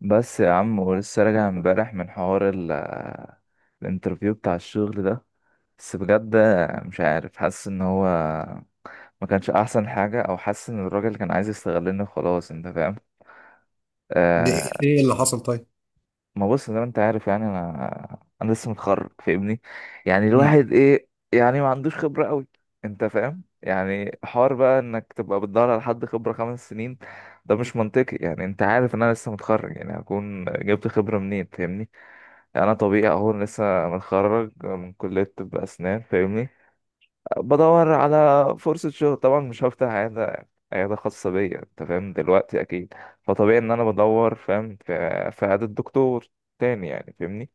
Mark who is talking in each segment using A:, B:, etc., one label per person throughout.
A: بس يا عم، ولسه راجع امبارح من حوار الانترفيو بتاع الشغل ده. بس بجد، مش عارف، حاسس ان هو ما كانش احسن حاجة، او حاسس ان الراجل كان عايز يستغلني. خلاص، انت فاهم؟
B: ليه
A: آه.
B: ليه اللي حصل طيب؟
A: ما بص، زي ما انت عارف، يعني انا لسه متخرج، فاهمني. يعني
B: مم.
A: الواحد ايه؟ يعني ما عندوش خبرة قوي، انت فاهم؟ يعني حوار بقى انك تبقى بتدور على حد خبرة 5 سنين، ده مش منطقي. يعني انت عارف ان انا لسه متخرج، يعني هكون جبت خبرة منين؟ فاهمني. يعني انا طبيعي اهو، لسه متخرج من كليه طب اسنان، فاهمني. بدور على فرصه شغل، طبعا مش هفتح عياده خاصه بيا، انت فاهم دلوقتي اكيد. فطبيعي ان انا بدور، فاهم، في عياده دكتور تاني، يعني فاهمني.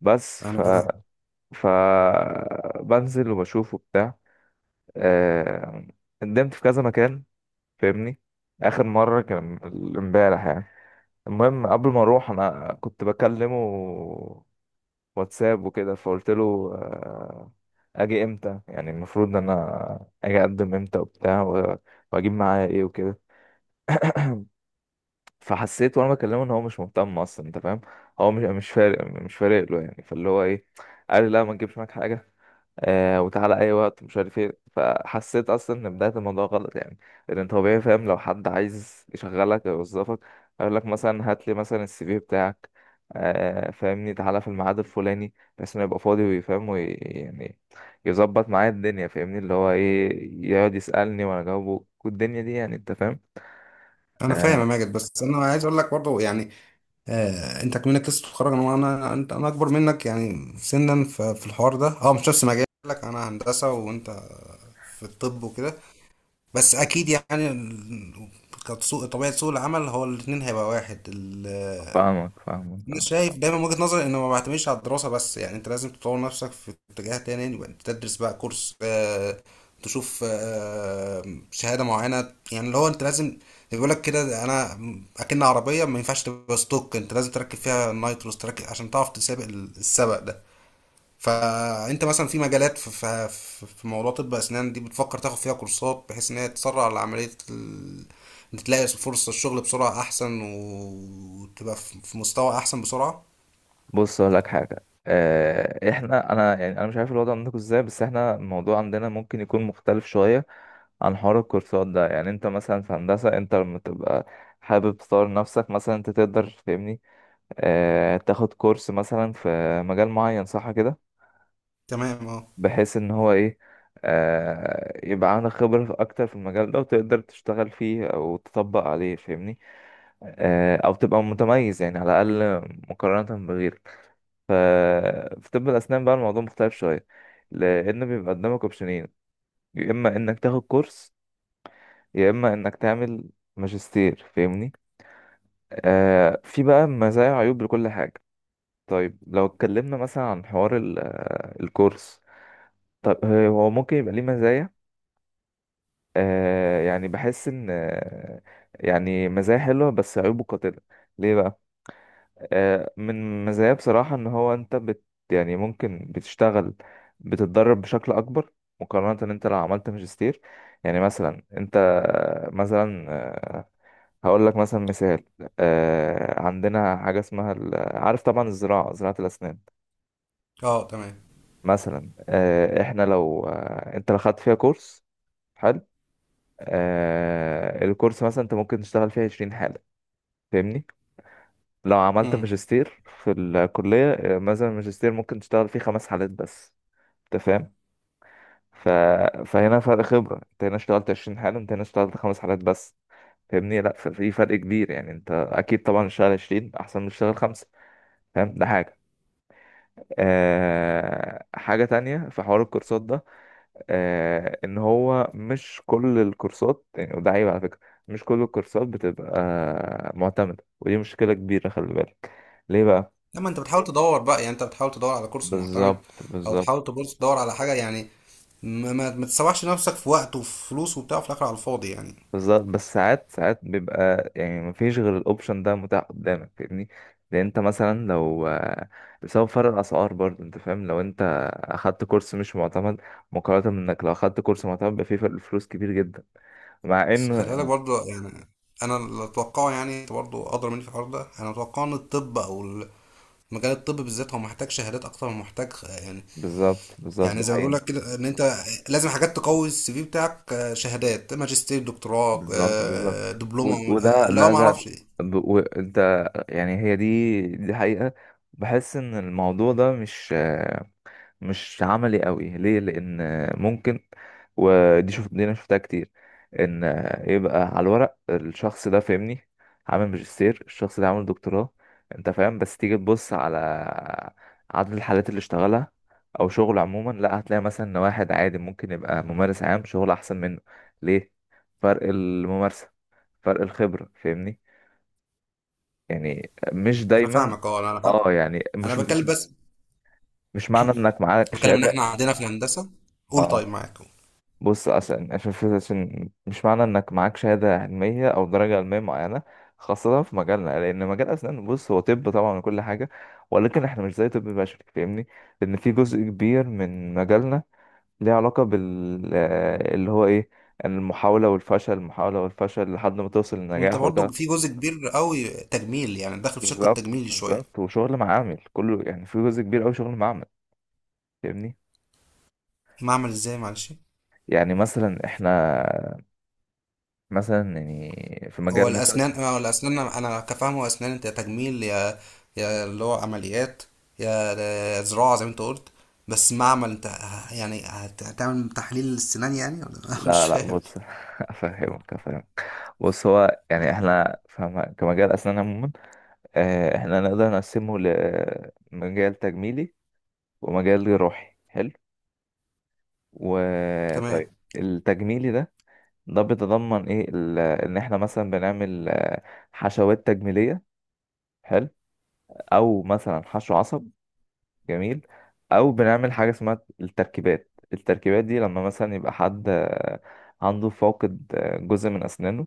A: بس ف
B: انا فاهم.
A: ف بنزل وبشوف وبتاع. آه، قدمت في كذا مكان، فاهمني. اخر مره كان امبارح يعني. المهم، قبل ما اروح انا كنت بكلمه واتساب وكده، فقلت له اجي امتى؟ يعني المفروض ان انا اجي اقدم امتى وبتاع واجيب معايا ايه وكده. فحسيت وانا بكلمه ان هو مش مهتم اصلا، انت فاهم؟ هو مش فارق، له يعني، فاللي هو ايه، قال لي: لا، ما تجيبش معاك حاجه، وتعالى اي وقت، مش عارف ايه. فحسيت اصلا ان بدايه الموضوع غلط يعني. لان انت طبيعي فاهم، لو حد عايز يشغلك او يوظفك، هيقول لك مثلا: هات لي مثلا السي في بتاعك، فاهمني، تعالى في الميعاد الفلاني، بحيث انه يبقى فاضي ويفهم يعني يظبط معايا الدنيا، فاهمني. اللي هو ايه، يقعد يسالني وانا اجاوبه والدنيا دي، يعني انت فاهم.
B: انا
A: آه،
B: فاهم يا ماجد، بس انا عايز اقول لك برضه يعني، انت كمنك لسه بتتخرج. انا وانا انت انا اكبر منك يعني سنا، في الحوار ده مش نفس مجالك. انا هندسه وانت في الطب وكده. بس اكيد يعني كسوق طبيعه، سوق العمل هو الاثنين هيبقى واحد.
A: فاهمك، فاهمك.
B: انا
A: آه.
B: شايف دايما من وجهة نظري انه ما بعتمدش على الدراسه بس، يعني انت لازم تطور نفسك في اتجاه تاني. يبقى انت تدرس بقى كورس، تشوف شهاده معينه. يعني اللي هو انت لازم، بيقول لك كده: انا اكن عربيه ما ينفعش تبقى ستوك، انت لازم تركب فيها النايتروس تركب عشان تعرف تسابق السبق ده. فانت مثلا في مجالات، في موضوع طب اسنان دي، بتفكر تاخد فيها كورسات بحيث ان هي تسرع العمليه. إن تلاقي فرصه الشغل بسرعه احسن وتبقى في مستوى احسن بسرعه.
A: بص اقول لك حاجه. انا يعني انا مش عارف الوضع عندكم ازاي، بس احنا الموضوع عندنا ممكن يكون مختلف شويه عن حوار الكورسات ده. يعني انت مثلا في هندسه، انت لما تبقى حابب تطور نفسك مثلا، انت تقدر، فاهمني، اه تاخد كورس مثلا في مجال معين، صح كده؟
B: تمام. اه.
A: بحيث ان هو ايه، اه يبقى عندك خبره اكتر في المجال ده، وتقدر تشتغل فيه او تطبق عليه، فاهمني، اه او تبقى متميز، يعني على الاقل مقارنه بغيرك. ف... في طب الأسنان بقى، الموضوع مختلف شوية، لأن بيبقى قدامك أوبشنين: يا إما إنك تاخد كورس، يا إما إنك تعمل ماجستير، فاهمني. في بقى مزايا وعيوب لكل حاجة. طيب، لو اتكلمنا مثلا عن حوار ال... آه، الكورس، طب هو ممكن يبقى ليه مزايا. يعني بحس إن، يعني مزايا حلوة بس عيوبه قاتلة. ليه بقى؟ من مزاياه بصراحة، ان هو انت يعني ممكن بتشتغل، بتتدرب بشكل اكبر مقارنة ان انت لو عملت ماجستير. يعني مثلا انت، مثلا، هقول لك مثلا مثال. عندنا حاجة اسمها عارف طبعا زراعة الاسنان.
B: اه تمام.
A: مثلا آه، احنا لو آه، انت لو خدت فيها كورس، حلو، الكورس مثلا انت ممكن تشتغل فيه 20 حالة، فاهمني. لو عملت
B: امم
A: ماجستير في الكلية، مثلا الماجستير ممكن تشتغل فيه 5 حالات بس، انت فاهم. ف... فهنا فرق خبرة، انت هنا اشتغلت 20 حالة، انت هنا اشتغلت 5 حالات بس، فاهمني. لا، ففي فرق كبير، يعني انت اكيد طبعا اشتغل 20 احسن من اشتغل 5، فاهم، ده حاجة. حاجة تانية في حوار الكورسات ده، ان هو مش كل الكورسات يعني، وده عيب على فكرة. مش كل الكورسات بتبقى معتمدة، ودي مشكلة كبيرة، خلي بالك. ليه بقى؟
B: لما انت بتحاول تدور بقى، يعني انت بتحاول تدور على كورس معتمد
A: بالظبط،
B: او
A: بالظبط،
B: تحاول تبص تدور على حاجه، يعني ما تسوحش نفسك في وقت وفي فلوس وبتاع في الاخر على الفاضي يعني.
A: بالظبط. بس ساعات ساعات بيبقى يعني مفيش غير الاوبشن ده متاح قدامك، فاهمني، لان انت مثلا لو بسبب فرق الاسعار برضه، انت فاهم، لو انت اخدت كورس مش معتمد، مقارنة انك لو اخدت كورس معتمد، بيبقى فيه فرق فلوس كبير جدا، مع
B: بس خلي بالك
A: ان...
B: برضه يعني، انا اللي اتوقعه يعني، انت برضه ادرى مني في الحوار ده. انا اتوقع ان الطب او مجال الطب بالذات هو محتاج شهادات اكتر من محتاج يعني.
A: بالظبط، بالظبط،
B: يعني
A: ده
B: زي ما بيقول
A: حقيقي.
B: لك كده ان انت لازم حاجات تقوي السي في بتاعك، شهادات ماجستير دكتوراه،
A: بالظبط، بالظبط.
B: دبلومه،
A: وده،
B: اللي هو
A: لا،
B: ما
A: ده.
B: اعرفش إيه.
A: وانت يعني، هي دي، دي حقيقة. بحس ان الموضوع ده مش عملي قوي. ليه؟ لان ممكن... ودي، شوف، دي انا شفتها كتير، ان يبقى على الورق الشخص ده، فاهمني، عامل ماجستير، الشخص ده عامل دكتوراه، انت فاهم. بس تيجي تبص على عدد الحالات اللي اشتغلها او شغل عموما، لا، هتلاقي مثلا ان واحد عادي ممكن يبقى ممارس عام شغل احسن منه. ليه؟ فرق الممارسة، فرق الخبرة، فاهمني. يعني مش
B: انا
A: دايما،
B: فاهمك. اه انا حتى
A: اه يعني
B: انا
A: مش
B: بتكلم،
A: مش
B: بس
A: مش معنى انك معاك
B: بتكلم ان
A: شهادة،
B: احنا عندنا في الهندسه. قول. طيب
A: اه
B: معاك قول.
A: بص، عشان مش معنى انك معاك شهادة علمية او درجة علمية معينة، خاصة في مجالنا، لان مجال اسنان، بص، هو طب طبعا وكل حاجة، ولكن احنا مش زي طب بشري، فاهمني. لان في جزء كبير من مجالنا ليه علاقة بال آه، اللي هو ايه، المحاولة والفشل، المحاولة والفشل، لحد ما توصل
B: وانت
A: للنجاح.
B: برضو
A: وده...
B: في جزء كبير قوي تجميل يعني، داخل في شق
A: بالظبط،
B: التجميل شويه.
A: بالظبط. وشغل معامل، كله يعني، في جزء كبير اوي شغل معامل، فاهمني.
B: معمل ازاي؟ معلش،
A: يعني مثلا احنا، مثلا يعني في
B: هو
A: مجال مثلا...
B: الاسنان هو الاسنان انا كفاهمه اسنان، انت يا تجميل، يا اللي هو عمليات، يا زراعه زي ما انت قلت. بس معمل؟ انت يعني هتعمل تحليل السنان يعني؟ ولا مش
A: لا، لا،
B: فاهم.
A: بص، افهمك، افهمك. بص هو يعني، احنا فاهم كمجال اسنان عموما، احنا نقدر نقسمه لمجال تجميلي ومجال جراحي، حلو،
B: تمام.
A: وطيب، التجميلي ده، ده بيتضمن ايه؟ ان احنا مثلا بنعمل، حشوات تجميلية، حلو، او مثلا حشو عصب، جميل، او بنعمل حاجة اسمها التركيبات. التركيبات دي لما مثلا يبقى حد عنده فاقد، جزء من اسنانه،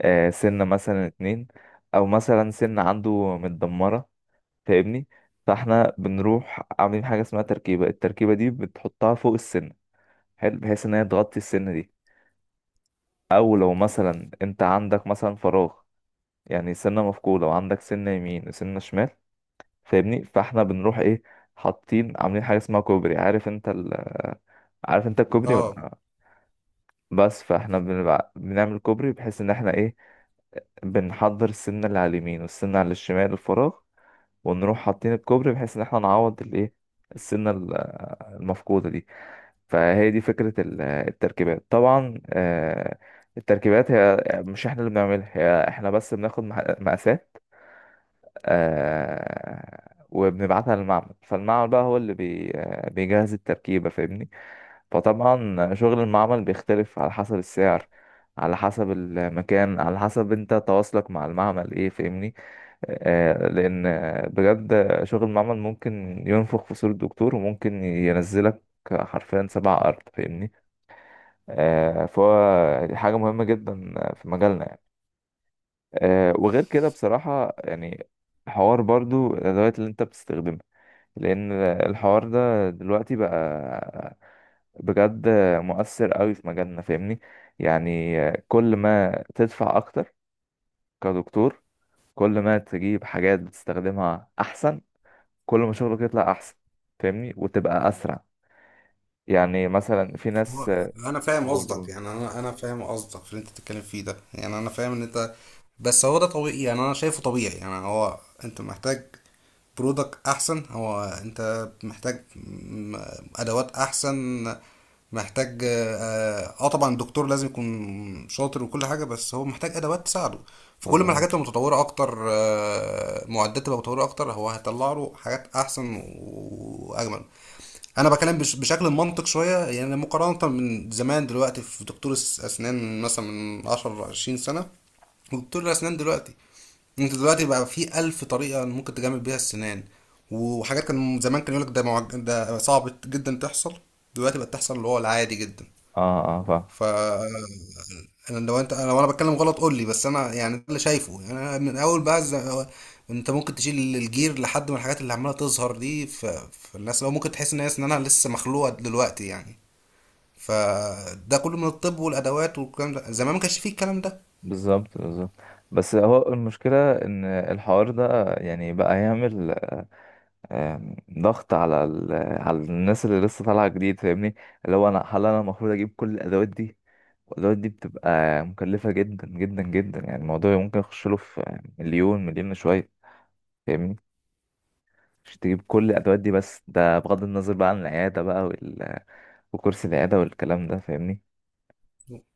A: سنة مثلا اتنين، او مثلا سن عنده متدمرة، فاهمني. فاحنا بنروح عاملين حاجة اسمها تركيبة. التركيبة دي بتحطها فوق السن، حلو، بحيث ان هي تغطي السن دي. او لو مثلا انت عندك مثلا فراغ، يعني سنة مفقودة، وعندك سنة يمين وسنة شمال، فاهمني. فاحنا بنروح ايه، حاطين عاملين حاجة اسمها كوبري. عارف انت الكوبري
B: اه.
A: ولا؟ بس فاحنا بنبقى بنعمل كوبري، بحيث ان احنا ايه، بنحضر السنة اللي على اليمين والسنة على الشمال، الفراغ، ونروح حاطين الكوبري، بحيث ان احنا نعوض الايه، السنة المفقودة دي. فهي دي فكرة التركيبات. طبعا التركيبات هي مش احنا اللي بنعملها، هي احنا بس بناخد مقاسات، وبنبعتها للمعمل، فالمعمل بقى هو اللي بي آه، بيجهز التركيبة، فاهمني. فطبعا شغل المعمل بيختلف على حسب السعر، على حسب المكان، على حسب انت تواصلك مع المعمل ايه، فاهمني. لأن بجد شغل المعمل ممكن ينفخ في صورة الدكتور، وممكن ينزلك حرفيا سبع أرض، فاهمني. فهو دي حاجة مهمة جدا في مجالنا يعني. وغير كده بصراحة، يعني حوار برضو الأدوات اللي أنت بتستخدمها، لأن الحوار ده دلوقتي بقى بجد مؤثر قوي في مجالنا، فاهمني. يعني كل ما تدفع أكتر كدكتور، كل ما تجيب حاجات بتستخدمها أحسن، كل ما شغلك يطلع احسن، فاهمني، وتبقى اسرع. يعني مثلا في ناس...
B: هو انا فاهم
A: قول،
B: قصدك،
A: قول.
B: يعني انا فاهم قصدك في اللي انت بتتكلم فيه ده. يعني انا فاهم ان انت، بس هو ده طبيعي. يعني انا شايفه طبيعي. يعني هو انت محتاج برودكت احسن، هو انت محتاج ادوات احسن. محتاج طبعا الدكتور لازم يكون شاطر وكل حاجه، بس هو محتاج ادوات تساعده. فكل ما
A: مظبوط.
B: الحاجات تبقى متطوره اكتر، معدات تبقى متطوره اكتر، هو هيطلع له حاجات احسن واجمل. انا بكلم بشكل منطق شويه يعني. مقارنه من زمان، دلوقتي في دكتور الاسنان مثلا من 10 20 سنه، دكتور الاسنان دلوقتي، انت دلوقتي بقى في الف طريقه ممكن تجمل بيها السنان. وحاجات كان زمان كان يقولك ده ده صعب جدا تحصل، دلوقتي بقت تحصل اللي هو العادي جدا.
A: اه، اه، فاهم.
B: ف انا لو انت، انا وانا بتكلم غلط قول لي، بس انا يعني ده اللي شايفه. يعني انا من اول بقى انت ممكن تشيل الجير لحد من الحاجات اللي عماله تظهر دي في الناس، لو ممكن تحس ان هي اسنانها لسه مخلوقه دلوقتي يعني. فده كله من الطب والادوات والكلام ده، زمان ما كانش فيه الكلام ده.
A: بالظبط، بالظبط. بس هو المشكلة ان الحوار ده يعني بقى يعمل ضغط على على الناس اللي لسه طالعة جديد، فاهمني. اللي هو، هل انا المفروض اجيب كل الادوات دي؟ والادوات دي بتبقى مكلفة جدا جدا جدا، يعني الموضوع ممكن يخش له في مليون مليون شوية، فاهمني، مش تجيب كل الادوات دي بس. ده بغض النظر بقى عن العيادة بقى، وكرسي العيادة والكلام ده، فاهمني.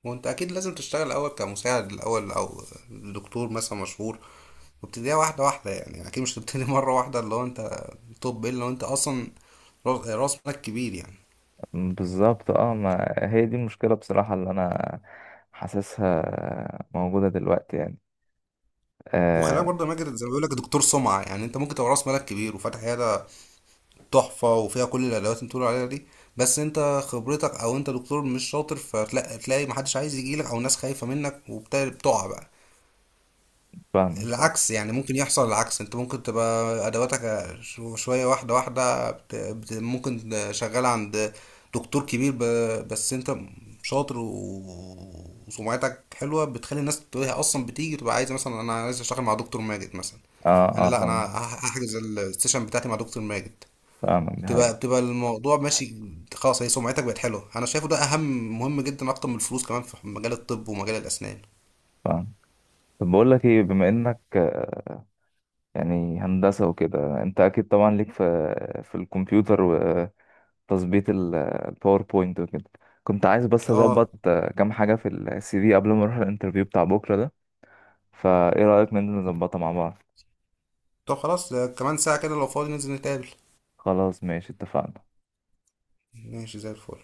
B: وانت اكيد لازم تشتغل الاول كمساعد الاول او دكتور مثلا مشهور، وابتديها واحده واحده، يعني اكيد مش تبتدي مره واحده اللي هو انت. طب الا لو انت اصلا رأس مالك كبير يعني.
A: بالظبط، اه، ما هي دي المشكلة بصراحة، اللي أنا حاسسها موجودة دلوقتي يعني.
B: وخلي
A: آه،
B: بالك برضه يا ماجد، زي ما بيقول لك دكتور سمعه، يعني انت ممكن تبقى راس مالك كبير وفاتح عياده تحفه وفيها كل الادوات اللي بتقول عليها دي، بس انت خبرتك او انت دكتور مش شاطر، فتلاقي محدش عايز يجيلك او ناس خايفه منك، وبتقع بقى.
A: فاهمك، فاهم.
B: العكس يعني ممكن يحصل. العكس انت ممكن تبقى ادواتك شوية واحدة واحدة، ممكن شغال عند دكتور كبير، بس انت شاطر وسمعتك حلوة، بتخلي الناس تقول هي اصلا بتيجي تبقى عايزة، مثلا انا عايز اشتغل مع دكتور ماجد مثلا.
A: اه،
B: انا
A: اه،
B: لا، انا
A: فاهم.
B: هحجز السيشن بتاعتي مع دكتور ماجد.
A: فاهمك، دي
B: بتبقى
A: حقيقة.
B: بتبقى الموضوع ماشي، خلاص. هي سمعتك بقت حلوه. انا شايفه ده اهم، مهم جدا اكتر من الفلوس كمان في مجال الطب ومجال الاسنان.
A: فاهم. طب بقول لك ايه، بما انك يعني هندسة وكده، انت اكيد طبعا ليك في الكمبيوتر وتظبيط الباوربوينت وكده. كنت عايز بس
B: اه.
A: اظبط كام حاجة في السي في قبل ما اروح الانترفيو بتاع بكرة ده. فايه رأيك ننزل نظبطها مع بعض؟
B: طب خلاص، كمان ساعة كده لو فاضي ننزل نتقابل.
A: خلاص، ماشي، اتفقنا.
B: ماشي زي الفل.